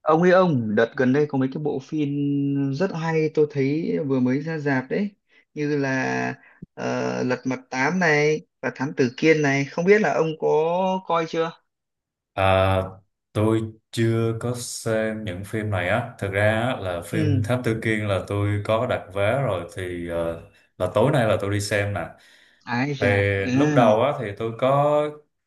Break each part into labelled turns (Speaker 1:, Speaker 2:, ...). Speaker 1: Ông ấy ông đợt gần đây có mấy cái bộ phim rất hay tôi thấy vừa mới ra rạp đấy, như là ờ, Lật Mặt Tám này và Thám Tử Kiên này, không biết là ông có coi chưa.
Speaker 2: À, tôi chưa có xem những phim này á. Thực ra á, là phim
Speaker 1: Ừ,
Speaker 2: Thám Tử Kiên là tôi có đặt vé rồi thì là tối nay là tôi đi xem nè.
Speaker 1: ái
Speaker 2: Thì
Speaker 1: chà, ừ,
Speaker 2: lúc đầu á thì tôi có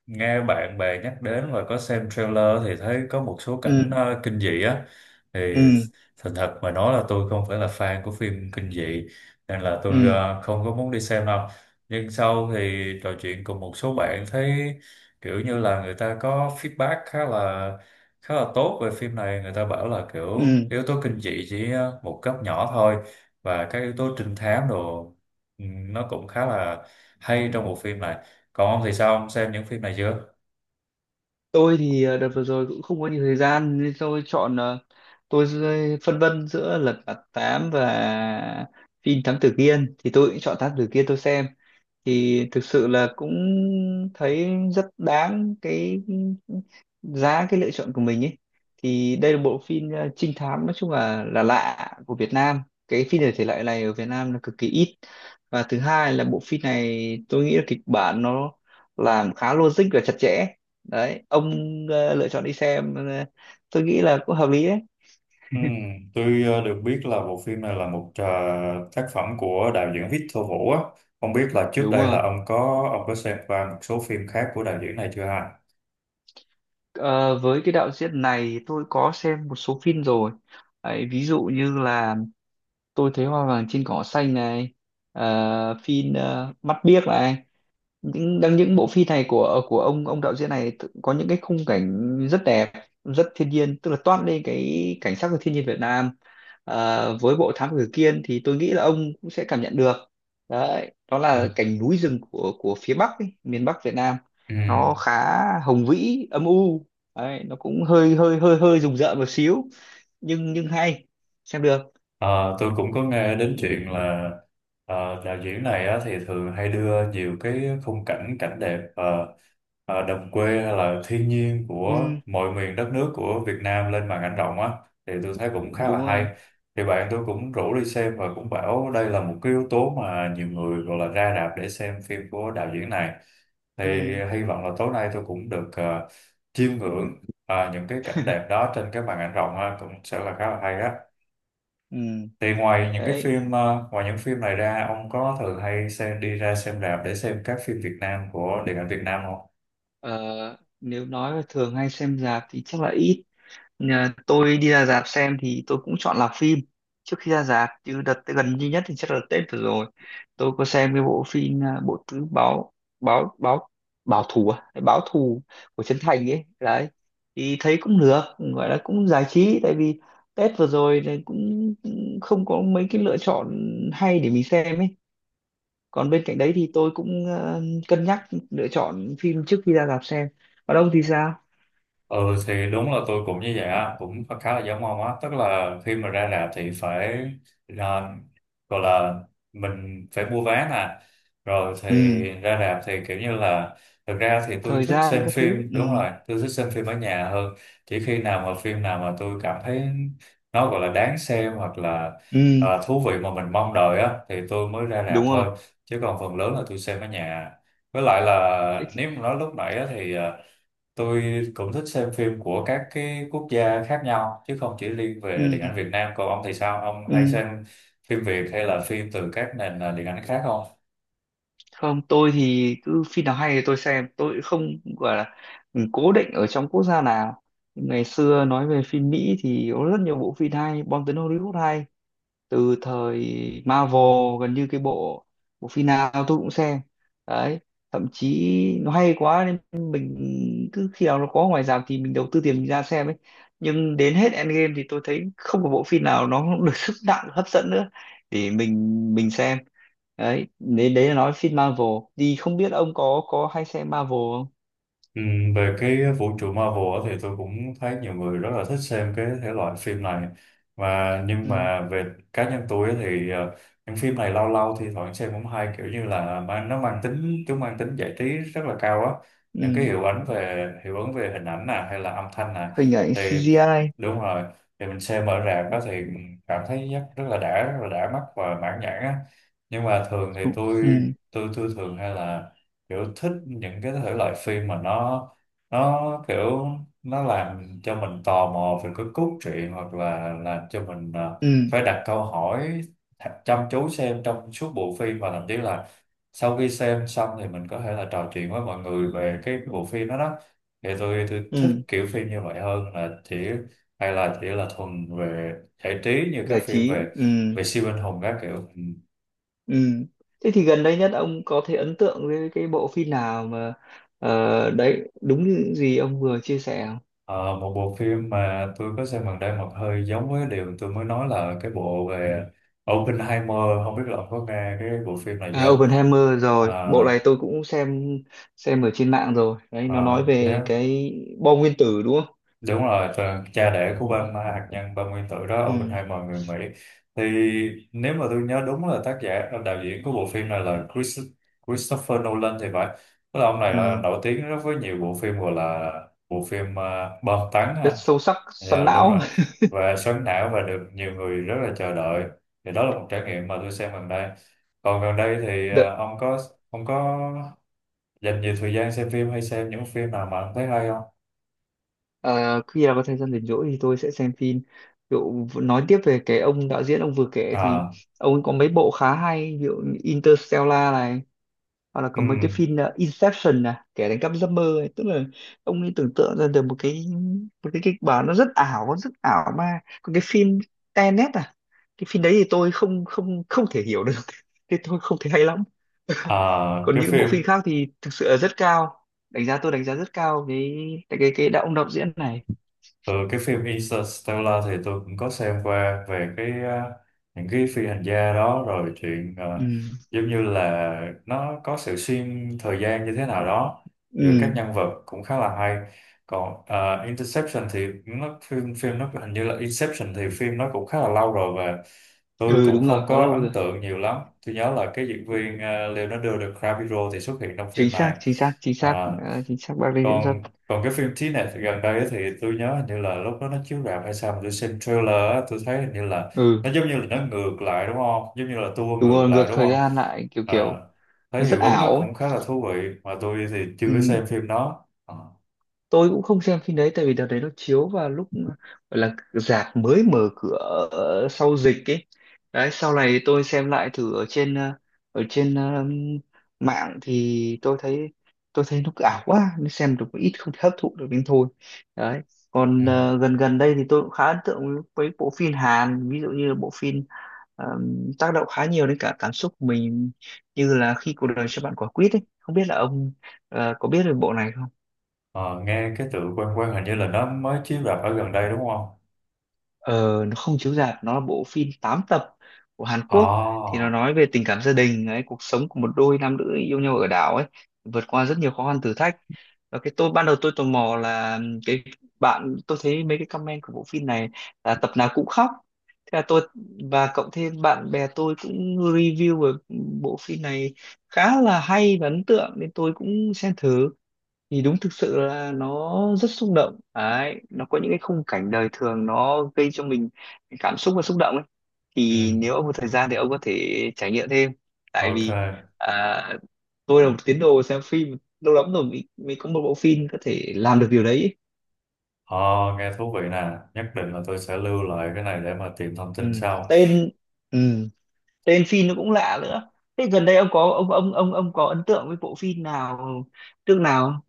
Speaker 2: nghe bạn bè nhắc đến và có xem trailer thì thấy có một số
Speaker 1: ừ,
Speaker 2: cảnh kinh dị á. Thì
Speaker 1: ừ,
Speaker 2: thành thật mà nói là tôi không phải là fan của phim kinh dị nên là tôi
Speaker 1: ừ,
Speaker 2: không có muốn đi xem đâu. Nhưng sau thì trò chuyện cùng một số bạn thấy kiểu như là người ta có feedback khá là tốt về phim này, người ta bảo là kiểu
Speaker 1: ừ.
Speaker 2: yếu tố kinh dị chỉ một cấp nhỏ thôi, và các yếu tố trinh thám đồ, ừ, nó cũng khá là hay trong bộ phim này. Còn ông thì sao, ông xem những phim này chưa?
Speaker 1: Tôi thì đợt vừa rồi cũng không có nhiều thời gian nên tôi chọn, phân vân giữa Lật Mặt Tám và phim Thám Tử Kiên, thì tôi cũng chọn Thám Tử Kiên tôi xem. Thì thực sự là cũng thấy rất đáng cái giá cái lựa chọn của mình ấy. Thì đây là bộ phim trinh thám, nói chung là lạ của Việt Nam. Cái phim thể thể loại này ở Việt Nam là cực kỳ ít. Và thứ hai là bộ phim này tôi nghĩ là kịch bản nó làm khá logic và chặt chẽ. Đấy, ông lựa chọn đi xem, tôi nghĩ là cũng hợp lý đấy.
Speaker 2: Ừ, tôi được biết là bộ phim này là một tác phẩm của đạo diễn Victor Vũ á. Không biết là trước
Speaker 1: Đúng
Speaker 2: đây
Speaker 1: rồi.
Speaker 2: là ông có xem qua một số phim khác của đạo diễn này chưa ha?
Speaker 1: Ờ, với cái đạo diễn này thì tôi có xem một số phim rồi. Đấy, ví dụ như là tôi thấy hoa vàng trên cỏ xanh này, phim mắt biếc này, những những bộ phim này của ông đạo diễn này có những cái khung cảnh rất đẹp, rất thiên nhiên, tức là toát lên cái cảnh sắc của thiên nhiên Việt Nam. Ờ, với bộ Thám Tử Kiên thì tôi nghĩ là ông cũng sẽ cảm nhận được. Đấy, đó
Speaker 2: Ừ.
Speaker 1: là cảnh núi rừng của phía Bắc ấy, miền Bắc Việt Nam.
Speaker 2: Ừ.
Speaker 1: Nó khá hùng vĩ, âm u. Đấy, nó cũng hơi hơi hơi hơi rùng rợn một xíu, nhưng hay, xem được.
Speaker 2: Ờ, tôi cũng có nghe đến chuyện là, ờ, đạo diễn này á, thì thường hay đưa nhiều cái khung cảnh, cảnh đẹp, đồng quê hay là thiên nhiên của
Speaker 1: Ừ,
Speaker 2: mọi miền đất nước của Việt Nam lên màn ảnh rộng á, thì tôi thấy cũng khá
Speaker 1: đúng
Speaker 2: là
Speaker 1: rồi,
Speaker 2: hay. Thì bạn tôi cũng rủ đi xem và cũng bảo đây là một cái yếu tố mà nhiều người gọi là ra rạp để xem phim của đạo diễn này, thì
Speaker 1: ừ,
Speaker 2: hy vọng là tối nay tôi cũng được chiêm ngưỡng những cái cảnh đẹp đó trên cái màn ảnh rộng ha, cũng sẽ là khá là hay á.
Speaker 1: ừ,
Speaker 2: Thì ngoài những cái
Speaker 1: đấy.
Speaker 2: phim, ngoài những phim này ra, ông có thường hay xem đi ra xem rạp để xem các phim Việt Nam của điện ảnh Việt Nam không?
Speaker 1: Ờ, nếu nói là thường hay xem rạp thì chắc là ít. Nhà tôi đi ra rạp xem thì tôi cũng chọn là phim trước khi ra rạp, chứ đợt gần duy nhất thì chắc là Tết vừa rồi tôi có xem cái bộ phim, bộ tứ báo báo báo báo thù, à, Hay báo thù của Trấn Thành ấy. Đấy, thì thấy cũng được, gọi là cũng giải trí, tại vì Tết vừa rồi thì cũng cũng không có mấy cái lựa chọn hay để mình xem ấy. Còn bên cạnh đấy thì tôi cũng cân nhắc lựa chọn phim trước khi ra rạp xem. Còn ông thì sao?
Speaker 2: Ừ, thì đúng là tôi cũng như vậy á, cũng khá khá là giống ông á, tức là khi mà ra rạp thì phải, à, gọi là mình phải mua vé nè, rồi thì
Speaker 1: Ừ,
Speaker 2: ra rạp thì kiểu như là, thực ra thì tôi
Speaker 1: thời
Speaker 2: thích
Speaker 1: gian
Speaker 2: xem
Speaker 1: các thứ,
Speaker 2: phim,
Speaker 1: ừ,
Speaker 2: đúng rồi, tôi thích xem phim ở nhà hơn, chỉ khi nào mà phim nào mà tôi cảm thấy nó gọi là đáng xem hoặc là,
Speaker 1: ừ,
Speaker 2: à, thú vị mà mình mong đợi á thì tôi mới ra rạp
Speaker 1: đúng rồi.
Speaker 2: thôi, chứ còn phần lớn là tôi xem ở nhà. Với lại
Speaker 1: Thế
Speaker 2: là
Speaker 1: thì-
Speaker 2: nếu mà nói lúc nãy á, thì à, tôi cũng thích xem phim của các cái quốc gia khác nhau chứ không chỉ riêng về
Speaker 1: ừ,
Speaker 2: điện ảnh Việt Nam. Còn ông thì sao? Ông hay
Speaker 1: ừ,
Speaker 2: xem phim Việt hay là phim từ các nền, à, điện ảnh khác không?
Speaker 1: không, tôi thì cứ phim nào hay thì tôi xem, tôi không gọi là ừ, cố định ở trong quốc gia nào. Ngày xưa nói về phim Mỹ thì có rất nhiều bộ phim hay, bom tấn Hollywood hay từ thời Marvel, gần như cái bộ bộ phim nào tôi cũng xem. Đấy, thậm chí nó hay quá nên mình cứ khi nào nó có ngoài rạp thì mình đầu tư tiền mình ra xem ấy. Nhưng đến hết Endgame thì tôi thấy không có bộ phim nào nó được sức nặng hấp dẫn nữa để mình xem. Đấy, nên đấy là nói phim Marvel, thì không biết ông có hay xem Marvel không.
Speaker 2: Ừ, về cái vũ trụ Marvel á thì tôi cũng thấy nhiều người rất là thích xem cái thể loại phim này, mà nhưng
Speaker 1: Ừ.
Speaker 2: mà về cá nhân tôi á thì những phim này lâu lâu thì thoảng xem cũng hay, kiểu như là mang nó mang tính chúng mang tính giải trí rất là cao á, những cái
Speaker 1: Ừ.
Speaker 2: hiệu ứng về hình ảnh nè hay là âm thanh nè,
Speaker 1: Hình ảnh
Speaker 2: thì
Speaker 1: CGI.
Speaker 2: đúng rồi, thì mình xem ở rạp đó thì cảm thấy rất, rất là đã, rất là đã mắt và mãn nhãn á. Nhưng mà thường thì
Speaker 1: Ừ. Ừ.
Speaker 2: tôi thường hay là kiểu thích những cái thể loại phim mà nó kiểu nó làm cho mình tò mò về cái cốt truyện, hoặc là làm cho mình
Speaker 1: Ừ.
Speaker 2: phải đặt câu hỏi, thật chăm chú xem trong suốt bộ phim, và thậm chí là sau khi xem xong thì mình có thể là trò chuyện với mọi người về cái bộ phim đó đó, thì tôi thích
Speaker 1: Ừ,
Speaker 2: kiểu phim như vậy hơn là chỉ, hay là chỉ là thuần về giải trí, như các
Speaker 1: giải
Speaker 2: phim
Speaker 1: trí.
Speaker 2: về,
Speaker 1: Ừ.
Speaker 2: về siêu anh hùng các kiểu.
Speaker 1: Ừ. Thế thì gần đây nhất ông có thể ấn tượng với cái bộ phim nào mà ờ, đấy đúng như gì ông vừa chia sẻ không?
Speaker 2: Ờ, một bộ phim mà tôi có xem gần đây mà hơi giống với điều tôi mới nói là cái bộ về Oppenheimer, không biết là ông có nghe cái bộ phim này
Speaker 1: À,
Speaker 2: chưa?
Speaker 1: Oppenheimer rồi,
Speaker 2: Ờ,
Speaker 1: bộ này tôi cũng xem ở trên mạng rồi. Đấy, nó
Speaker 2: ờ,
Speaker 1: nói về
Speaker 2: nếu
Speaker 1: cái bom nguyên tử đúng không?
Speaker 2: đúng rồi, tờ- cha đẻ của bom hạt nhân, bom nguyên tử đó,
Speaker 1: Ừ,
Speaker 2: Oppenheimer người Mỹ. Thì nếu mà tôi nhớ đúng là tác giả, đạo diễn của bộ phim này là Christopher Nolan thì phải, tức là ông này là
Speaker 1: ừ.
Speaker 2: nổi tiếng rất với nhiều bộ phim, gọi là bộ phim bom tấn.
Speaker 1: Rất sâu sắc,
Speaker 2: Dạ
Speaker 1: xoắn
Speaker 2: đúng
Speaker 1: não.
Speaker 2: rồi, và xoắn não, và được nhiều người rất là chờ đợi, thì đó là một trải nghiệm mà tôi xem gần đây. Còn gần đây thì
Speaker 1: Đợ,
Speaker 2: ông có dành nhiều thời gian xem phim hay xem những phim nào mà ông thấy hay không?
Speaker 1: ờ, khi nào có thời gian rảnh rỗi thì tôi sẽ xem phim. Ví dụ nói tiếp về cái ông đạo diễn ông vừa kể thì
Speaker 2: À,
Speaker 1: ông ấy có mấy bộ khá hay, ví dụ như Interstellar này, hoặc là có mấy cái
Speaker 2: ừm,
Speaker 1: phim Inception nè, kẻ đánh cắp giấc mơ ấy. Tức là ông ấy tưởng tượng ra được một cái, một cái kịch bản nó rất ảo, nó rất ảo ma. Còn cái phim Tenet à, cái phim đấy thì tôi không không không thể hiểu được, thì tôi không thấy hay lắm.
Speaker 2: à,
Speaker 1: Còn
Speaker 2: cái
Speaker 1: những bộ
Speaker 2: phim
Speaker 1: phim khác thì thực sự là rất cao đánh giá, tôi đánh giá rất cao cái cái ông đạo diễn này.
Speaker 2: Ừ, cái phim Interstellar thì tôi cũng có xem qua, về cái, à, những cái phi hành gia đó, rồi chuyện, à,
Speaker 1: Ừ,
Speaker 2: giống như là nó có sự xuyên thời gian như thế nào đó giữa các
Speaker 1: ừ,
Speaker 2: nhân vật, cũng khá là hay. Còn à, Interception thì nó phim phim nó hình như là Inception thì phim nó cũng khá là lâu rồi, và tôi
Speaker 1: ừ,
Speaker 2: cũng
Speaker 1: đúng rồi,
Speaker 2: không
Speaker 1: khá
Speaker 2: có
Speaker 1: lâu
Speaker 2: ấn
Speaker 1: rồi.
Speaker 2: tượng nhiều lắm, tôi nhớ là cái diễn viên à, Leonardo DiCaprio thì xuất hiện trong
Speaker 1: Chính
Speaker 2: phim
Speaker 1: xác,
Speaker 2: này.
Speaker 1: chính xác, chính xác,
Speaker 2: Ờ,
Speaker 1: à, chính xác bác đây diễn xuất.
Speaker 2: còn còn cái phim Trí Nè gần đây ấy thì tôi nhớ hình như là lúc đó nó chiếu rạp hay sao mà tôi xem trailer á, tôi thấy hình như là
Speaker 1: Ừ,
Speaker 2: nó giống như là nó ngược lại đúng không, giống như là tua
Speaker 1: đúng
Speaker 2: ngược
Speaker 1: rồi, ngược
Speaker 2: lại đúng
Speaker 1: thời
Speaker 2: không,
Speaker 1: gian lại, kiểu
Speaker 2: à,
Speaker 1: kiểu nó
Speaker 2: thấy
Speaker 1: rất
Speaker 2: hiệu ứng nó
Speaker 1: ảo ấy.
Speaker 2: cũng khá là thú vị mà tôi thì chưa có
Speaker 1: Ừ.
Speaker 2: xem phim đó. Ờ,
Speaker 1: Tôi cũng không xem phim đấy tại vì đợt đấy nó chiếu vào lúc gọi là rạp mới mở cửa sau dịch ấy. Đấy, sau này tôi xem lại thử ở trên ở trên mạng thì tôi thấy nó ảo quá, nó xem được một ít không thể hấp thụ được đến thôi. Đấy,
Speaker 2: ừ.
Speaker 1: còn gần gần đây thì tôi cũng khá ấn tượng với bộ phim Hàn, ví dụ như là bộ phim ờ, tác động khá nhiều đến cả cảm xúc của mình, như là khi cuộc đời cho bạn quả quýt ấy, không biết là ông có biết về bộ này không.
Speaker 2: Ờ, nghe cái tựa quen quen, hình như là nó mới chiếu rạp ở gần đây đúng không?
Speaker 1: Ờ, nó không chiếu rạp, nó là bộ phim 8 tập của Hàn Quốc. Thì
Speaker 2: À,
Speaker 1: nó nói về tình cảm gia đình ấy, cuộc sống của một đôi nam nữ yêu nhau ở đảo ấy, vượt qua rất nhiều khó khăn thử thách. Và cái tôi ban đầu tôi tò mò là cái bạn tôi thấy mấy cái comment của bộ phim này là tập nào cũng khóc, thế là tôi, và cộng thêm bạn bè tôi cũng review về bộ phim này khá là hay và ấn tượng nên tôi cũng xem thử. Thì đúng thực sự là nó rất xúc động đấy, nó có những cái khung cảnh đời thường nó gây cho mình cái cảm xúc và xúc động ấy.
Speaker 2: ừ,
Speaker 1: Thì nếu ông có thời gian thì ông có thể trải nghiệm thêm, tại
Speaker 2: ok.
Speaker 1: vì à, tôi là một tín đồ xem phim lâu lắm rồi mới, mới có một bộ phim có thể làm được điều đấy ấy.
Speaker 2: Ờ, nghe thú vị nè, nhất định là tôi sẽ lưu lại cái này để mà tìm thông
Speaker 1: Ừ.
Speaker 2: tin sau.
Speaker 1: Tên, ừ, tên phim nó cũng lạ nữa. Thế gần đây ông có ấn tượng với bộ phim nào nào không?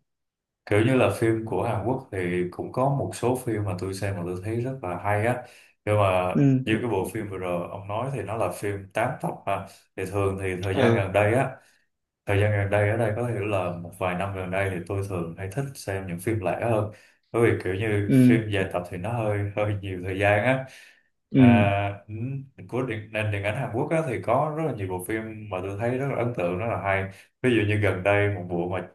Speaker 2: Kiểu như là phim của Hàn Quốc thì cũng có một số phim mà tôi xem mà tôi thấy rất là hay á, nhưng mà
Speaker 1: Ừ,
Speaker 2: như cái bộ phim vừa rồi ông nói thì nó là phim 8 tập mà, thì thường thì thời gian
Speaker 1: ừ,
Speaker 2: gần đây á, thời gian gần đây ở đây có hiểu là một vài năm gần đây thì tôi thường hay thích xem những phim lẻ hơn, bởi vì kiểu như
Speaker 1: ừ,
Speaker 2: phim dài tập thì nó hơi hơi nhiều thời gian á.
Speaker 1: ừ.
Speaker 2: À, ừ, của điện, nền điện ảnh Hàn Quốc á, thì có rất là nhiều bộ phim mà tôi thấy rất là ấn tượng, rất là hay, ví dụ như gần đây một bộ mà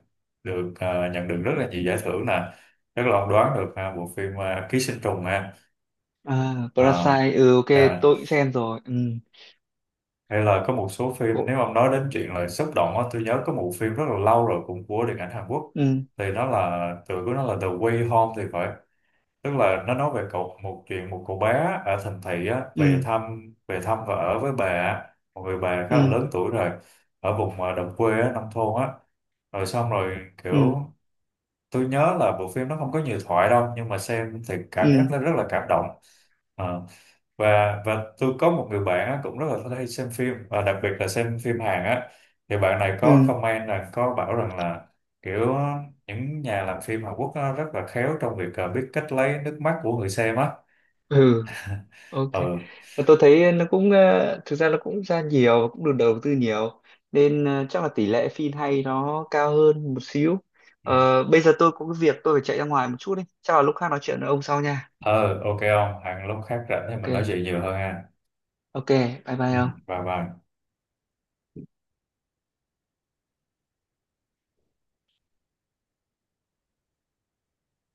Speaker 2: được, à, nhận được rất là nhiều giải thưởng nè, chắc là ông đoán được ha, bộ phim à, Ký sinh trùng nè.
Speaker 1: À,
Speaker 2: À,
Speaker 1: Parasite, ừ, ok,
Speaker 2: à,
Speaker 1: tôi cũng xem rồi. Ừ,
Speaker 2: hay là có một số phim,
Speaker 1: cổ,
Speaker 2: nếu ông nói đến chuyện là xúc động á, tôi nhớ có một phim rất là lâu rồi cũng của điện ảnh Hàn Quốc,
Speaker 1: ừ,
Speaker 2: thì nó là tựa của nó là The Way Home thì phải, tức là nó nói về cậu một chuyện một cậu bé ở thành thị á về
Speaker 1: ừ,
Speaker 2: thăm, về thăm và ở với bà, một người bà khá là
Speaker 1: ừ,
Speaker 2: lớn tuổi rồi, ở vùng à, đồng quê á, nông thôn á, rồi xong rồi, kiểu,
Speaker 1: ừ,
Speaker 2: tôi nhớ là bộ phim nó không có nhiều thoại đâu nhưng mà xem thì cảm giác
Speaker 1: ừ,
Speaker 2: nó rất là cảm động. Ờ, và tôi có một người bạn á, cũng rất là hay xem phim và đặc biệt là xem phim Hàn á, thì bạn này có
Speaker 1: ừ,
Speaker 2: comment là có bảo rằng là kiểu những nhà làm phim Hàn Quốc á, rất là khéo trong việc à, biết cách lấy nước mắt của người xem á.
Speaker 1: ừ, ok.
Speaker 2: Ừ.
Speaker 1: Và tôi thấy nó cũng, ờ, thực ra nó cũng ra nhiều, cũng được đầu tư nhiều. Nên ờ, chắc là tỷ lệ phim hay nó cao hơn một xíu.
Speaker 2: Ừ.
Speaker 1: Ờ, bây giờ tôi có cái việc tôi phải chạy ra ngoài một chút đi. Chắc là lúc khác nói chuyện với ông sau nha.
Speaker 2: Ờ, ok, không Hàn lúc khác rảnh thì mình nói
Speaker 1: Ok,
Speaker 2: chuyện nhiều hơn ha.
Speaker 1: ok, bye
Speaker 2: Ừ,
Speaker 1: bye ông.
Speaker 2: bye bye.